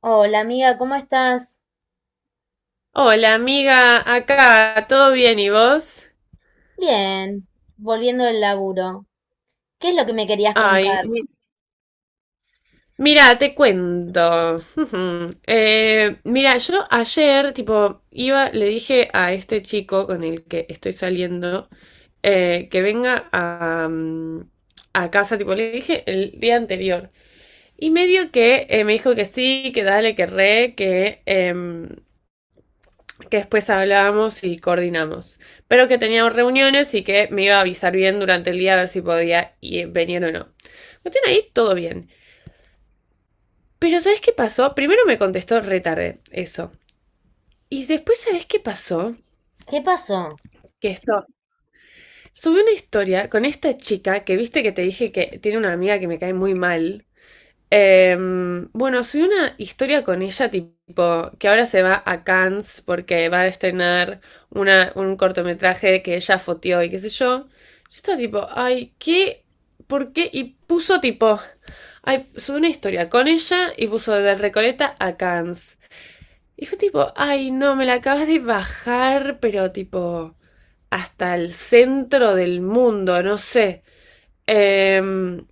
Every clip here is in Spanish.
Hola amiga, ¿cómo estás? Hola amiga, acá, ¿todo bien y vos? Bien, volviendo del laburo. ¿Qué es lo que me querías Ay, contar? Mira, te cuento. Ujú. Mira, yo ayer, tipo, iba, le dije a este chico con el que estoy saliendo que venga a, a casa, tipo, le dije el día anterior. Y medio que me dijo que sí, que dale, que re, que, que después hablábamos y coordinamos, pero que teníamos reuniones y que me iba a avisar bien durante el día a ver si podía venir o no. Cuestión ahí, todo bien. Pero ¿sabes qué pasó? Primero me contestó retarde, eso. Y después, ¿sabes qué pasó? ¿Qué pasó? Que esto, subí una historia con esta chica que viste que te dije que tiene una amiga que me cae muy mal. Bueno, soy una historia con ella, tipo, que ahora se va a Cannes porque va a estrenar un cortometraje que ella foteó y qué sé yo. Yo estaba tipo, ay, ¿qué? ¿Por qué? Y puso tipo, ay, soy una historia con ella y puso de Recoleta a Cannes. Y fue tipo, ay, no, me la acabas de bajar, pero tipo, hasta el centro del mundo, no sé. Em,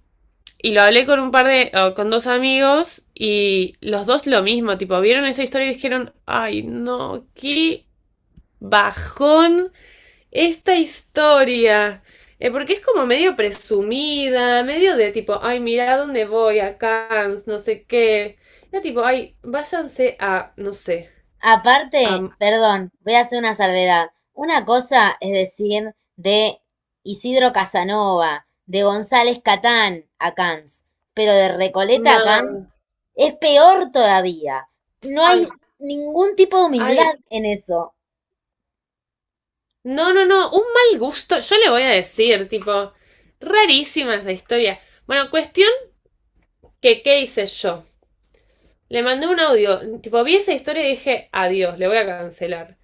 y lo hablé con un par de, o con dos amigos y los dos lo mismo, tipo, vieron esa historia y dijeron, ay no, qué bajón esta historia. Porque es como medio presumida, medio de tipo, ay, mira dónde voy, a Cannes, no sé qué. Era tipo, ay, váyanse a, no sé, Aparte, a perdón, voy a hacer una salvedad. Una cosa es decir de Isidro Casanova, de González Catán a Cans, pero de Recoleta a Cans Man. es peor todavía. No Ay, hay ningún tipo de humildad ay. en eso. No, no, no, un mal gusto. Yo le voy a decir, tipo, rarísima esa historia. Bueno, cuestión que, ¿qué hice yo? Le mandé un audio, tipo, vi esa historia y dije, adiós, le voy a cancelar.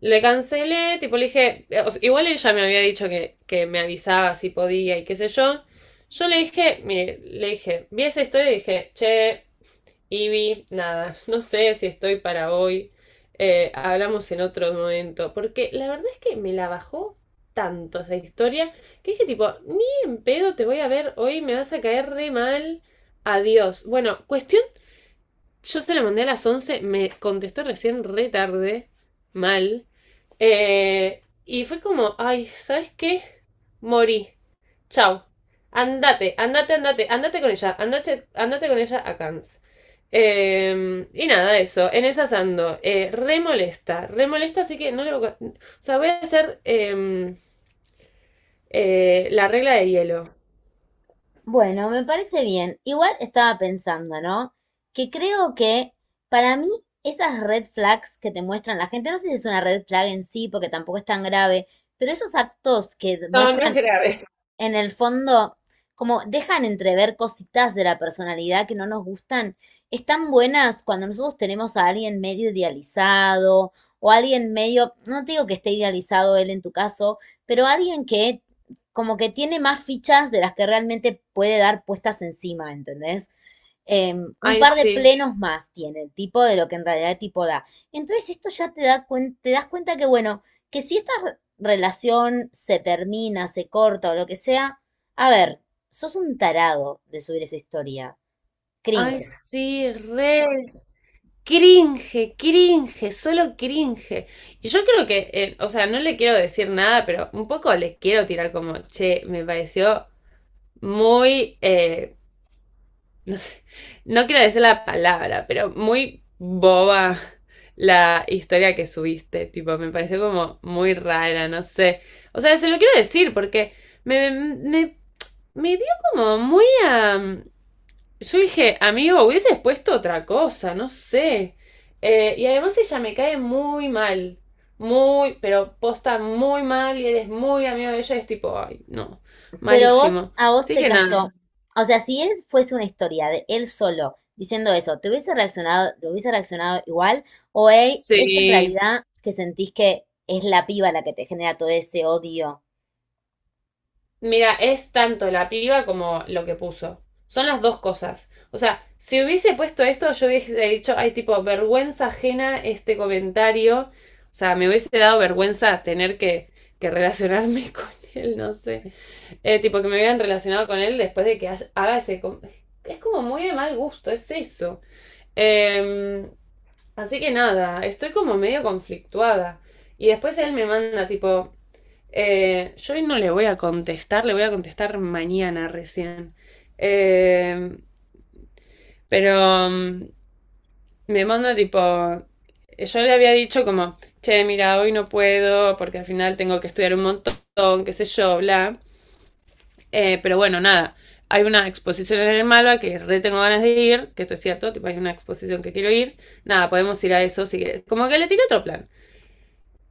Le cancelé, tipo, le dije, igual ella me había dicho que me avisaba si podía y qué sé yo. Yo le dije, mire, le dije, vi esa historia y dije, che, Ivy, nada, no sé si estoy para hoy, hablamos en otro momento, porque la verdad es que me la bajó tanto esa historia que dije tipo, ni en pedo te voy a ver hoy, me vas a caer re mal, adiós. Bueno, cuestión yo se lo mandé a las 11 me contestó recién re tarde, mal. Y fue como, ay, ¿sabes qué? Morí. Chao. Andate, andate, andate, andate con ella, andate, andate con ella a Cannes. Y nada, eso, en esas ando. Re molesta, así que no le voy a... O sea, voy a hacer la regla de hielo. Bueno, me parece bien. Igual estaba pensando, ¿no? Que creo que para mí esas red flags que te muestran la gente, no sé si es una red flag en sí, porque tampoco es tan grave, pero esos actos que No, no es muestran grave. en el fondo, como dejan entrever cositas de la personalidad que no nos gustan, están buenas cuando nosotros tenemos a alguien medio idealizado o alguien medio, no te digo que esté idealizado él en tu caso, pero alguien que como que tiene más fichas de las que realmente puede dar puestas encima, ¿entendés? Eh, un Ay, par de sí. plenos más tiene el tipo de lo que en realidad el tipo da. Entonces esto ya te, te das cuenta que, bueno, que si estas relación se termina, se corta o lo que sea, a ver, sos un tarado de subir esa historia. Ay, Cringe. sí, re. Cringe, cringe, solo cringe. Y yo creo que, o sea, no le quiero decir nada, pero un poco le quiero tirar como, che, me pareció muy, no sé, no quiero decir la palabra, pero muy boba la historia que subiste, tipo, me pareció como muy rara, no sé. O sea, se lo quiero decir porque me, me, me dio como muy a... Yo dije, amigo, hubieses puesto otra cosa, no sé. Y además ella me cae muy mal. Muy, pero posta muy mal y eres muy amigo de ella. Es tipo, ay, no, Pero vos, malísimo. a vos Así te que nada, cayó. O sea, si él fuese una historia de él solo diciendo eso, te hubiese reaccionado igual? ¿O hey, es en sí. realidad que sentís que es la piba la que te genera todo ese odio? Mira, es tanto la piba como lo que puso. Son las dos cosas. O sea, si hubiese puesto esto, yo hubiese dicho, ay, tipo, vergüenza ajena este comentario. O sea, me hubiese dado vergüenza tener que relacionarme con él, no sé. Tipo, que me hubieran relacionado con él después de que haga ese... com- Es como muy de mal gusto, es eso. Eh, así que nada, estoy como medio conflictuada. Y después él me manda, tipo, yo hoy no le voy a contestar, le voy a contestar mañana recién. Eh, pero me manda tipo, yo le había dicho como, che, mira, hoy no puedo porque al final tengo que estudiar un montón, qué sé yo, bla. Pero bueno, nada, hay una exposición en el Malva que re tengo ganas de ir, que esto es cierto, tipo, hay una exposición que quiero ir. Nada, podemos ir a eso si querés. Como que le tiré otro plan.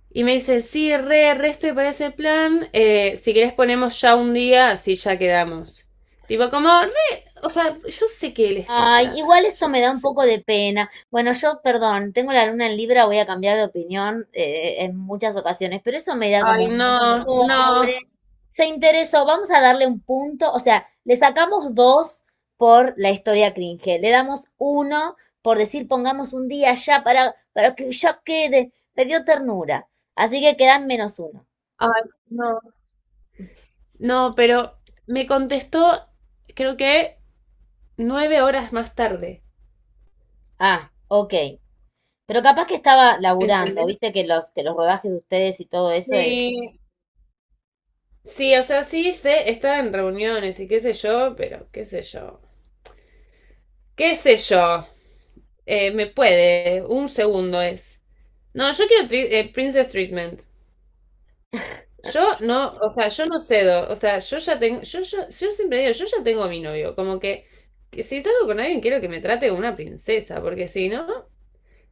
Y me dice, sí, re, re estoy para ese plan. Eh, si querés ponemos ya un día, así ya quedamos. Tipo, como re, o sea, yo sé que él está Ay, igual atrás. esto Yo me da un sé. poco de pena. Bueno, yo, perdón, tengo la luna en Libra, voy a cambiar de opinión en muchas ocasiones, pero eso me da Ay, como no, no, pobre, se interesó, vamos a darle un punto, o sea, le sacamos dos por la historia cringe, le damos uno por decir pongamos un día ya para que ya quede, me dio ternura, así que quedan menos uno. ay, no. No, pero me contestó, creo que 9 horas más tarde. Ah, ok, pero capaz que estaba laburando, ¿Entendés? viste que que los rodajes de ustedes y todo eso es... Sí, sí, o sea, sí, sé, estaba en reuniones y qué sé yo, pero qué sé yo. ¿Qué sé yo? Me puede, un segundo es. No, yo quiero Princess Treatment. Yo no, o sea, yo no cedo. O sea, yo ya tengo, yo siempre digo, yo ya tengo a mi novio. Como que si salgo con alguien, quiero que me trate como una princesa, porque si no,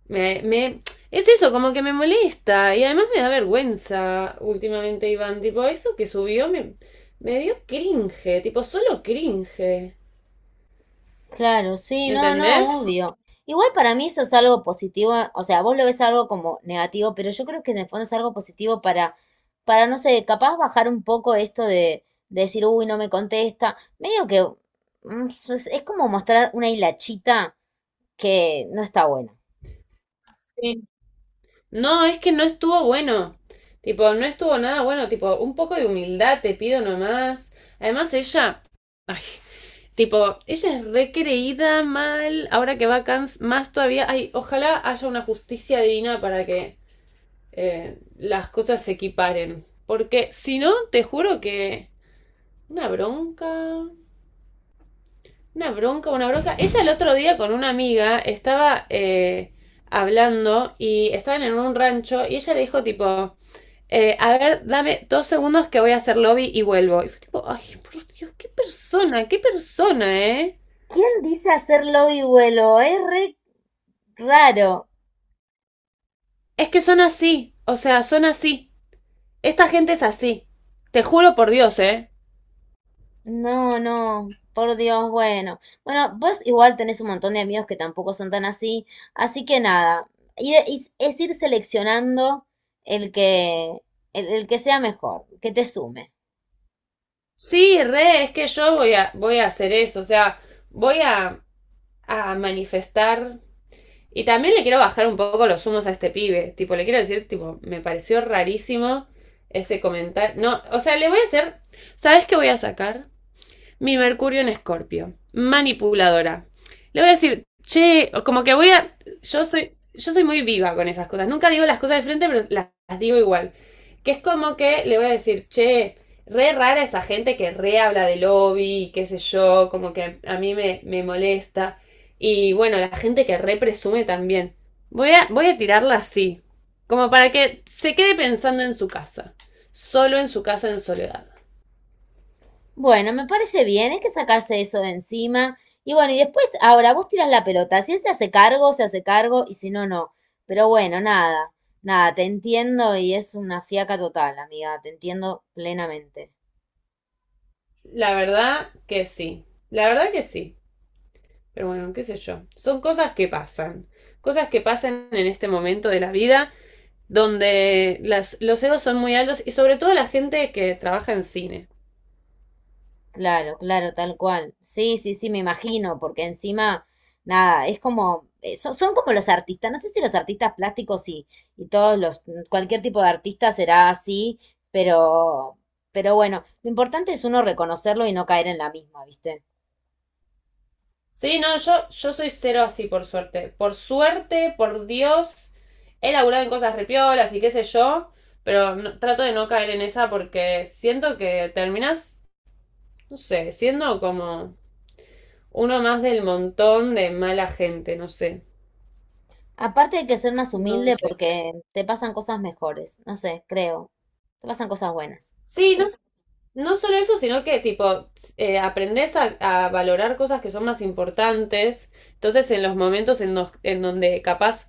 me, me, es eso, como que me molesta. Y además me da vergüenza últimamente, Iván. Tipo, eso que subió me, me dio cringe, tipo, solo cringe. Claro, sí, no, no, ¿Entendés? obvio. Igual para mí eso es algo positivo, o sea, vos lo ves algo como negativo, pero yo creo que en el fondo es algo positivo para, no sé, capaz bajar un poco esto de decir, uy, no me contesta. Medio que mm, es como mostrar una hilachita que no está buena. No, es que no estuvo bueno. Tipo, no estuvo nada bueno. Tipo, un poco de humildad te pido nomás. Además, ella. Ay, tipo, ella es recreída mal. Ahora que va a Cannes, más todavía. Ay, ojalá haya una justicia divina para que las cosas se equiparen. Porque si no, te juro que. Una bronca. Una bronca, una bronca. Ella el otro día con una amiga estaba hablando y estaban en un rancho y ella le dijo, tipo a ver, dame 2 segundos que voy a hacer lobby y vuelvo. Y fue tipo, ay, por Dios, qué persona, ¿eh? ¿Quién dice hacer lobby vuelo? Es re raro. Es que son así, o sea, son así. Esta gente es así. Te juro por Dios, ¿eh? No, no, por Dios, bueno. Bueno, vos igual tenés un montón de amigos que tampoco son tan así, así que nada, es ir seleccionando el que, el que sea mejor, que te sume. Sí, re, es que yo voy a, voy a hacer eso, o sea, voy a manifestar. Y también le quiero bajar un poco los humos a este pibe. Tipo, le quiero decir, tipo, me pareció rarísimo ese comentario. No, o sea, le voy a hacer. ¿Sabes qué voy a sacar? Mi Mercurio en Escorpio. Manipuladora. Le voy a decir, che, como que voy a. Yo soy muy viva con esas cosas. Nunca digo las cosas de frente, pero las digo igual. Que es como que le voy a decir, che, re rara esa gente que re habla de lobby, qué sé yo, como que a me molesta. Y bueno, la gente que re presume también. Voy a, voy a tirarla así, como para que se quede pensando en su casa, solo en su casa en soledad. Bueno, me parece bien, hay que sacarse eso de encima. Y bueno, y después, ahora vos tirás la pelota, si él se hace cargo, y si no, no. Pero bueno, nada, nada, te entiendo y es una fiaca total, amiga, te entiendo plenamente. La verdad que sí. La verdad que sí. Pero bueno, qué sé yo. Son cosas que pasan. Cosas que pasan en este momento de la vida donde los egos son muy altos y sobre todo la gente que trabaja en cine. Claro, claro, tal cual. Sí, sí, sí, me imagino, porque encima, nada, es como, son como los artistas, no sé si los artistas plásticos y todos los, cualquier tipo de artista será así, pero, pero bueno, lo importante es uno reconocerlo y no caer en la misma, ¿viste? Sí, no, yo soy cero así, por suerte. Por suerte, por Dios, he laburado en cosas repiolas y qué sé yo, pero trato de no caer en esa porque siento que terminas, no sé, siendo como uno más del montón de mala gente, no sé. Aparte hay que ser más No humilde sé. porque te pasan cosas mejores, no sé, creo, te pasan cosas buenas. Sí, no, no solo eso, sino que tipo, aprendes a valorar cosas que son más importantes. Entonces, en los momentos en donde capaz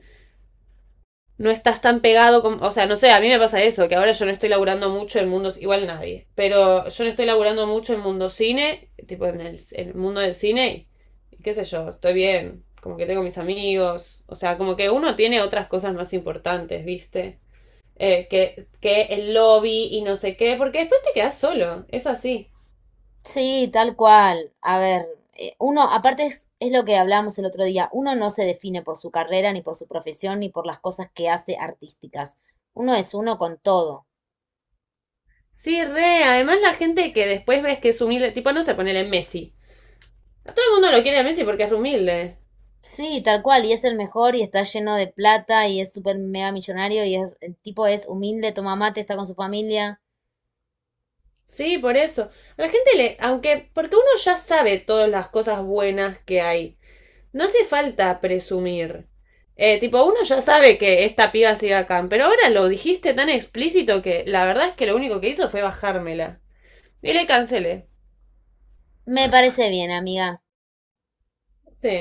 no estás tan pegado, o sea, no sé, a mí me pasa eso, que ahora yo no estoy laburando mucho en mundos, igual nadie, pero yo no estoy laburando mucho en mundo cine, tipo en el mundo del cine, y qué sé yo, estoy bien, como que tengo mis amigos, o sea, como que uno tiene otras cosas más importantes, ¿viste? Eh, que el lobby y no sé qué, porque después te quedas solo, es así. Sí, tal cual. A ver, uno, aparte es lo que hablábamos el otro día, uno no se define por su carrera, ni por su profesión, ni por las cosas que hace artísticas. Uno es uno con todo. Sí, re, además la gente que después ves que es humilde, tipo no se pone en Messi. Todo el mundo lo quiere a Messi porque es humilde. Sí, tal cual, y es el mejor y está lleno de plata y es súper mega millonario y es, el tipo es humilde, toma mate, está con su familia. Sí, por eso. A la gente le, aunque, porque uno ya sabe todas las cosas buenas que hay. No hace falta presumir. Tipo, uno ya sabe que esta piba sigue acá, pero ahora lo dijiste tan explícito que la verdad es que lo único que hizo fue bajármela. Y le cancelé. Me parece bien, amiga. Sí.